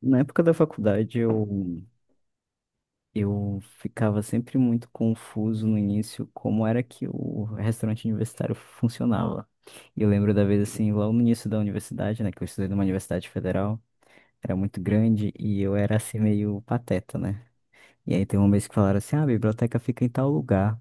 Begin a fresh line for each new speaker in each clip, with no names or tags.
Na época da faculdade, eu ficava sempre muito confuso no início como era que o restaurante universitário funcionava. E eu lembro da vez, assim, lá no início da universidade, né, que eu estudei numa universidade federal, era muito grande e eu era, assim, meio pateta, né? E aí tem um mês que falaram assim, ah, a biblioteca fica em tal lugar.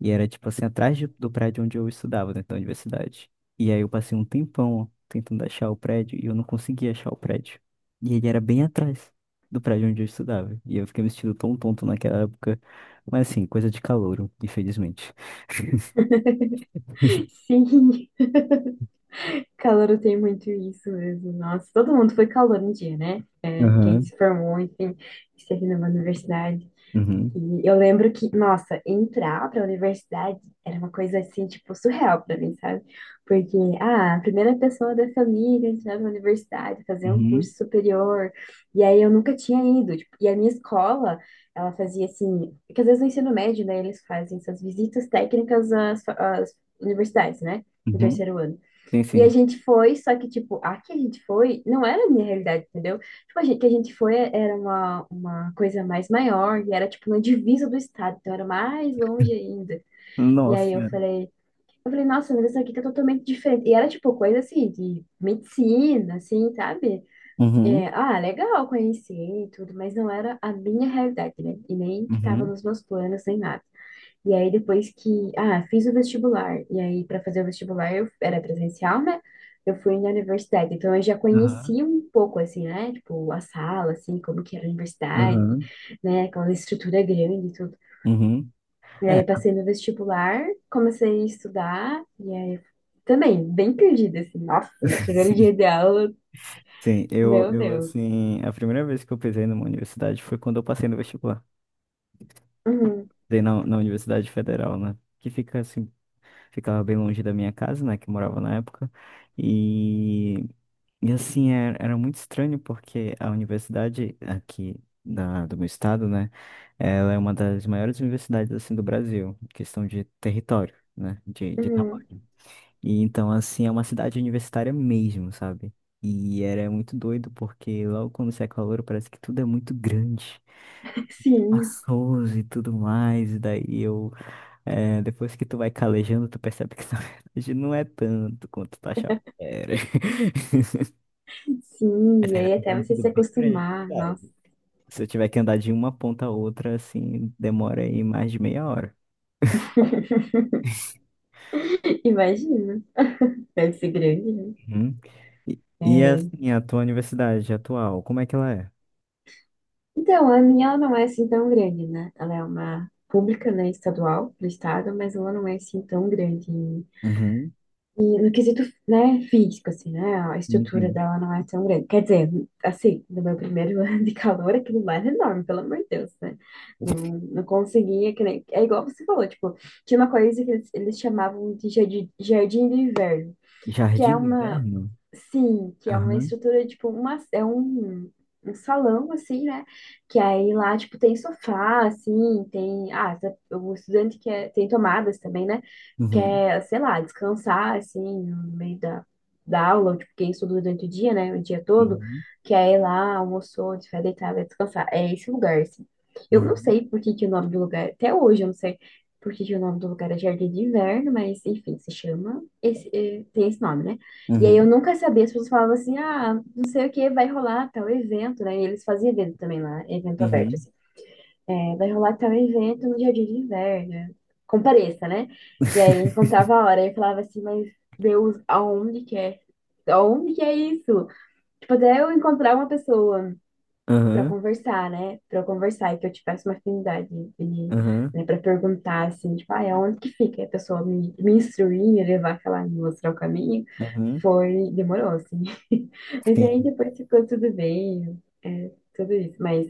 E era, tipo assim, atrás do prédio onde eu estudava, dentro da universidade. E aí eu passei um tempão tentando achar o prédio e eu não conseguia achar o prédio. E ele era bem atrás do prédio onde eu estudava. E eu fiquei me sentindo tão tonto naquela época. Mas assim, coisa de calouro, infelizmente.
Sim, calor tem muito isso mesmo. Nossa, todo mundo foi calor um dia, né? Quem
Aham.
se formou, enfim, esteve numa universidade.
Uhum,
E eu lembro que, nossa, entrar para a universidade era uma coisa assim, tipo, surreal para mim, sabe? Porque, a primeira pessoa da família a entrar na universidade, fazer um
uhum,
curso superior. E aí eu nunca tinha ido. Tipo, e a minha escola, ela fazia assim, porque às vezes no ensino médio, né, eles fazem essas visitas técnicas às, às universidades, né? No
uhum.
terceiro ano.
Sim,
E a
sim.
gente foi, só que, tipo, a que a gente foi não era a minha realidade, entendeu? Tipo, a gente, que a gente foi era uma coisa mais maior e era, tipo, na divisa do estado, então era mais longe ainda. E
Nossa
aí
senhora.
eu falei, nossa, mas isso aqui tá totalmente diferente. E era, tipo, coisa assim, de medicina, assim, sabe? É,
Uhum,
legal conhecer e tudo, mas não era a minha realidade, né? E nem que tava
uhum,
nos meus planos, nem nada. E aí depois que, fiz o vestibular. E aí para fazer o vestibular eu era presencial, né? Eu fui na universidade, então eu já
aham,
conhecia um pouco assim, né? Tipo, a sala, assim, como que era a universidade,
aham,
né? Aquela estrutura grande e tudo.
uhum.
E
É,
aí passei no vestibular, comecei a estudar e aí também bem perdida assim. Nossa, primeiro dia
sim.
de aula,
Sim, eu,
meu
eu
Deus.
assim, a primeira vez que eu pisei numa universidade foi quando eu passei no vestibular.
Uhum,
Dei na Universidade Federal, né? Que fica assim, ficava bem longe da minha casa, né? Que eu morava na época. E, e assim, era muito estranho porque a universidade aqui do meu estado, né? Ela é uma das maiores universidades assim do Brasil, em questão de território, né? De
uhum.
tamanho. E então, assim, é uma cidade universitária mesmo, sabe? E era muito doido porque logo quando você é calor parece que tudo é muito grande
Sim,
espaçoso e tudo mais. E daí eu depois que tu vai calejando, tu percebe que na verdade não é tanto quanto tu achava que era.
sim.
Mas
E
ainda
aí até
continua
você
tudo
se
bem grande,
acostumar,
é
nossa,
verdade. Se eu tiver que andar de uma ponta a outra, assim, demora aí mais de meia hora.
imagina. Deve ser grande, né?
Uhum. E
É.
assim, a tua universidade atual, como é que ela é?
Então, a minha ela não é assim tão grande, né? Ela é uma pública, né, estadual do estado, mas ela não é assim tão grande.
Uhum.
E no quesito, né, físico, assim, né, a
Sim,
estrutura
sim.
dela não é tão grande. Quer dizer, assim, no meu primeiro ano de calor, aquilo lá era enorme, pelo amor de Deus, né? Não conseguia, que nem... É igual você falou, tipo, tinha uma coisa que eles chamavam de jardim, jardim de inverno, que é
Jardim do
uma,
Inverno?
sim, que é uma
Aham.
estrutura, tipo, uma, é um, um salão, assim, né? Que aí lá, tipo, tem sofá, assim, tem... o estudante quer... Tem tomadas também, né?
Uhum.
Quer, sei lá, descansar, assim, no meio da, da aula, ou, tipo, quem estuda durante o dia, né? O dia todo,
Uhum.
que aí lá, almoçou, se vai deitar, vai descansar. É esse lugar, assim. Eu não
Uhum.
sei por que que o nome do lugar... Até hoje eu não sei por que que o nome do lugar é Jardim de Inverno, mas, enfim, se chama... Esse, tem esse nome, né? E aí eu
Uhum.
nunca sabia, as pessoas falavam assim, não sei o que, vai rolar tal evento, né? E eles faziam evento também lá, evento aberto,
Uhum.
assim. É, vai rolar tal evento no Jardim de Inverno, compareça, né? E aí contava a hora, e eu falava assim, mas Deus, aonde que é? Aonde que é isso? Tipo, até eu encontrar uma pessoa
Uhum.
pra
Aham.
conversar, né? Pra eu conversar e que eu tivesse uma afinidade de,
Aham.
né, para perguntar, assim, tipo, aonde que fica? E a pessoa me, me instruir, me levar, sei lá, me mostrar o caminho.
Uhum.
Foi, demorou, assim. Mas aí
Sim.
depois ficou tudo bem, é, tudo isso. Mas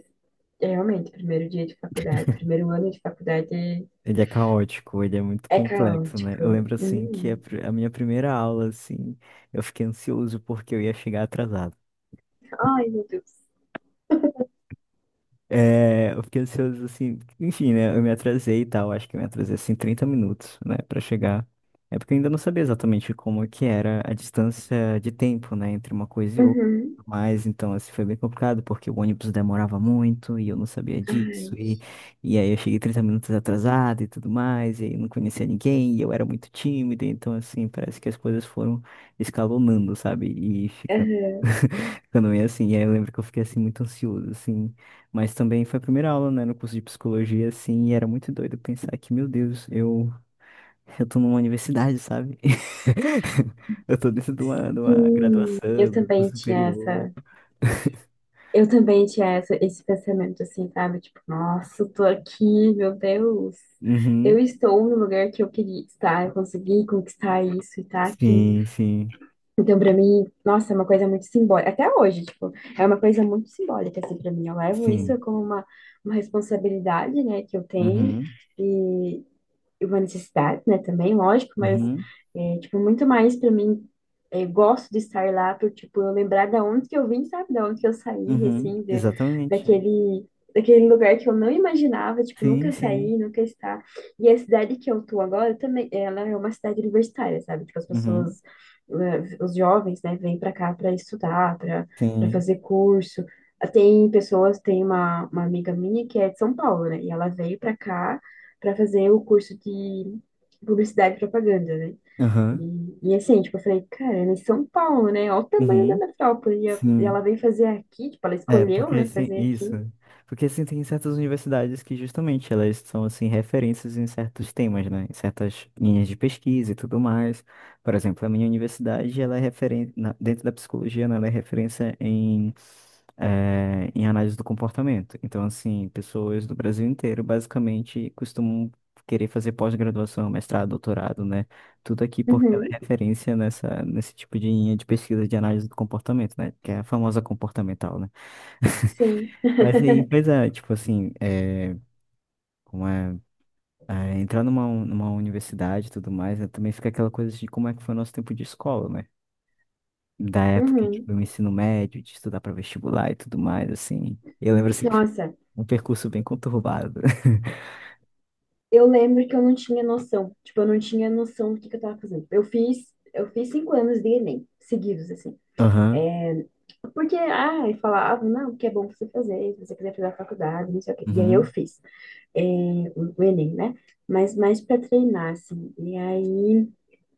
é, realmente, primeiro dia de faculdade, primeiro ano de faculdade é,
Ele é caótico, ele é muito
é
complexo, né? Eu lembro
caótico.
assim que a,
Hum.
pri- a minha primeira aula, assim, eu fiquei ansioso porque eu ia chegar atrasado.
Ai, meu Deus.
É, eu fiquei ansioso, assim, enfim, né? Eu me atrasei e tal, acho que eu me atrasei, assim, 30 minutos, né, pra chegar. É porque eu ainda não sabia exatamente como é que era a distância de tempo, né, entre uma coisa e outra.
Uhum.
Mas, então, assim, foi bem complicado, porque o ônibus demorava muito e eu não sabia disso.
Ai.
E aí eu cheguei 30 minutos atrasado e tudo mais, e aí eu não conhecia ninguém, e eu era muito tímido. Então, assim, parece que as coisas foram escalonando, sabe? E ficando.
Aham.
Ficando meio assim, e aí eu lembro que eu fiquei assim muito ansioso, assim, mas também foi a primeira aula, né, no curso de psicologia, assim, e era muito doido pensar que, meu Deus, eu, tô numa universidade, sabe? Eu tô dentro de uma
Sim, eu
graduação, do
também
curso
tinha
superior.
essa, eu também tinha essa, esse pensamento assim, sabe? Tipo, nossa, eu tô aqui, meu Deus. Eu
Uhum.
estou no lugar que eu queria estar, eu consegui conquistar isso e tá aqui.
Sim, sim,
Então, pra mim, nossa, é uma coisa muito simbólica. Até hoje, tipo, é uma coisa muito simbólica, assim, pra mim. Eu levo isso
sim.
como uma responsabilidade, né, que eu tenho.
Uhum.
E, uma necessidade, né, também, lógico, mas,
Uhum.
é, tipo, muito mais para mim, é, gosto de estar lá por, tipo, eu lembrar da onde que eu vim, sabe, da onde que eu saí,
Uhum.
assim, de,
Exatamente.
daquele, daquele lugar que eu não imaginava, tipo,
Sim,
nunca
sim.
sair, nunca estar. E a cidade que eu tô agora também, ela é uma cidade universitária, sabe, tipo, as
Uhum.
pessoas, os jovens, né, vêm para cá para estudar, para para
Sim.
fazer curso, tem pessoas, tem uma amiga minha que é de São Paulo, né? E ela veio para cá para fazer o curso de publicidade e propaganda, né?
Aham.
E assim, tipo, eu falei, cara, ela é em São Paulo, né? Olha o tamanho da
Uhum.
metrópole. E e ela
Sim.
veio fazer aqui, tipo, ela
É,
escolheu,
porque
né,
assim,
fazer
isso.
aqui.
Porque assim, tem certas universidades que justamente elas são assim referências em certos temas, né? Em certas linhas de pesquisa e tudo mais. Por exemplo, a minha universidade, ela é referência dentro da psicologia, né? Ela é referência em em análise do comportamento. Então, assim, pessoas do Brasil inteiro basicamente costumam querer fazer pós-graduação, mestrado, doutorado, né? Tudo aqui porque ela
Uhum,
é referência nesse tipo de linha de pesquisa de análise do comportamento, né? Que é a famosa comportamental, né?
sim.
Mas aí, pois é, tipo assim, é, como é, entrar numa universidade e tudo mais, né, também fica aquela coisa de como é que foi o nosso tempo de escola, né? Da época,
Uhum.
tipo, do ensino médio, de estudar para vestibular e tudo mais, assim. Eu lembro, assim, que foi
Nossa,
um percurso bem conturbado.
eu lembro que eu não tinha noção. Tipo, eu não tinha noção do que eu tava fazendo. Eu fiz 5 anos de Enem, seguidos, assim.
Aham,
Porque, e falava, não, que é bom você fazer, se você quiser fazer a faculdade, não sei o quê. E aí eu
uhum,
fiz. É, o Enem, né? Mas mais para treinar, assim. E aí,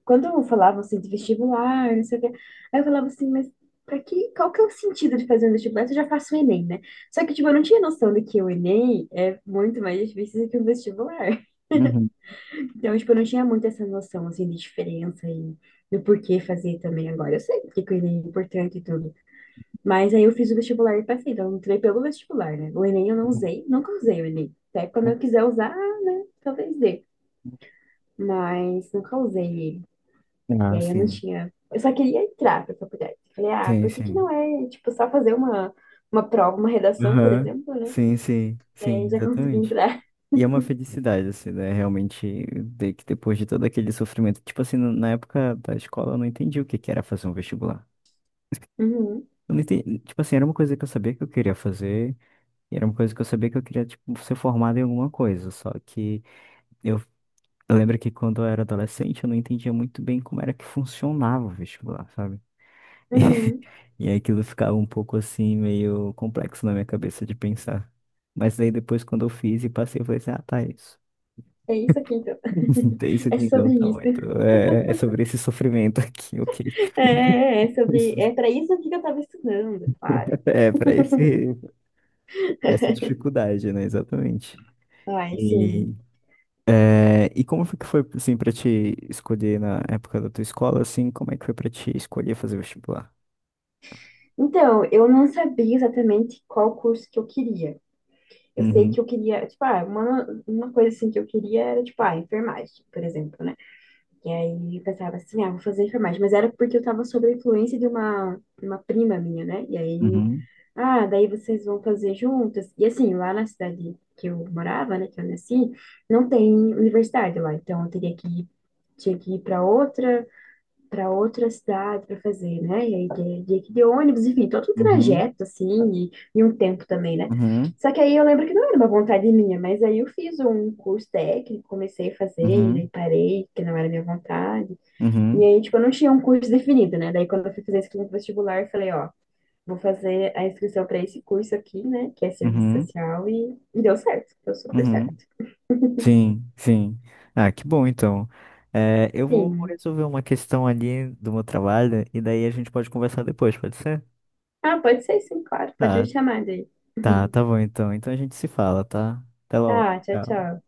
quando eu falava assim de vestibular, não sei o quê, aí eu falava assim, mas para que, qual que é o sentido de fazer um vestibular se eu já faço o Enem, né? Só que, tipo, eu não tinha noção de que o Enem é muito mais difícil do que um vestibular.
uhum,
Então, tipo, eu não tinha muito essa noção, assim, de diferença e do porquê fazer também agora. Eu sei porque que o Enem é importante e tudo. Mas aí eu fiz o vestibular e passei, então eu entrei pelo vestibular, né? O Enem eu não
uhum,
usei, nunca usei o Enem. Até quando
uhum.
eu quiser usar, né? Talvez dê. Mas nunca usei ele. E
Ah,
aí eu não
sim,
tinha. Eu só queria entrar pra faculdade. Falei,
sim,
por que que não
sim.
é, tipo, só fazer uma prova, uma redação, por
Aham,
exemplo, né?
sim, sim, sim,
Daí já consegui
exatamente.
entrar.
E é uma felicidade, assim, né? Realmente, de que depois de todo aquele sofrimento. Tipo assim, na época da escola eu não entendi o que que era fazer um vestibular.
Uhum,
Eu não entendi, tipo assim, era uma coisa que eu sabia que eu queria fazer, e era uma coisa que eu sabia que eu queria, tipo, ser formado em alguma coisa. Só que eu, eu lembro que quando eu era adolescente eu não entendia muito bem como era que funcionava o vestibular, sabe?
uhum.
E, e aí aquilo ficava um pouco assim, meio complexo na minha cabeça de pensar. Mas daí depois, quando eu fiz e passei, eu falei assim, ah, tá, é isso.
É isso aqui, então.
Tem isso
É
aqui então,
sobre
tá bom.
isso.
Então, é, é sobre esse sofrimento aqui, ok?
É, é é sobre. É pra isso aqui que eu tava estudando, claro.
É, para esse, essa dificuldade, né? Exatamente.
Ai, sim.
E, é, e como foi que foi, assim, pra te escolher na época da tua escola, assim, como é que foi pra te escolher fazer vestibular?
Então, eu não sabia exatamente qual curso que eu queria. Eu sei
Uhum,
que eu queria, tipo, uma coisa assim que eu queria era, tipo, enfermagem, por exemplo, né? E aí eu pensava assim, vou fazer enfermagem. Mas era porque eu tava sob a influência de uma prima minha, né? E aí,
uhum,
daí vocês vão fazer juntas. E assim, lá na cidade que eu morava, né, que eu nasci, não tem universidade lá. Então, eu teria que ir, tinha que ir para outra cidade para fazer, né? E aí de ônibus, enfim, todo um
uhum,
trajeto, assim, e um tempo também, né?
uhum,
Só que aí eu lembro que não era uma vontade minha, mas aí eu fiz um curso técnico, comecei a fazer, e daí
uhum,
parei, que não era minha vontade. E
uhum,
aí, tipo, eu não tinha um curso definido, né? Daí quando eu fui fazer a inscrição vestibular, eu falei, ó, vou fazer a inscrição para esse curso aqui, né? Que é serviço
uhum,
social, e deu certo, deu super
uhum,
certo.
uhum. Sim, sim. Ah, que bom então. É, eu vou
Sim.
resolver uma questão ali do meu trabalho e daí a gente pode conversar depois, pode ser?
Ah, pode ser sim, claro, pode me
Tá,
chamar daí.
tá, tá bom então. Então a gente se fala, tá? Até logo.
Tá, tchau,
Tchau.
tchau.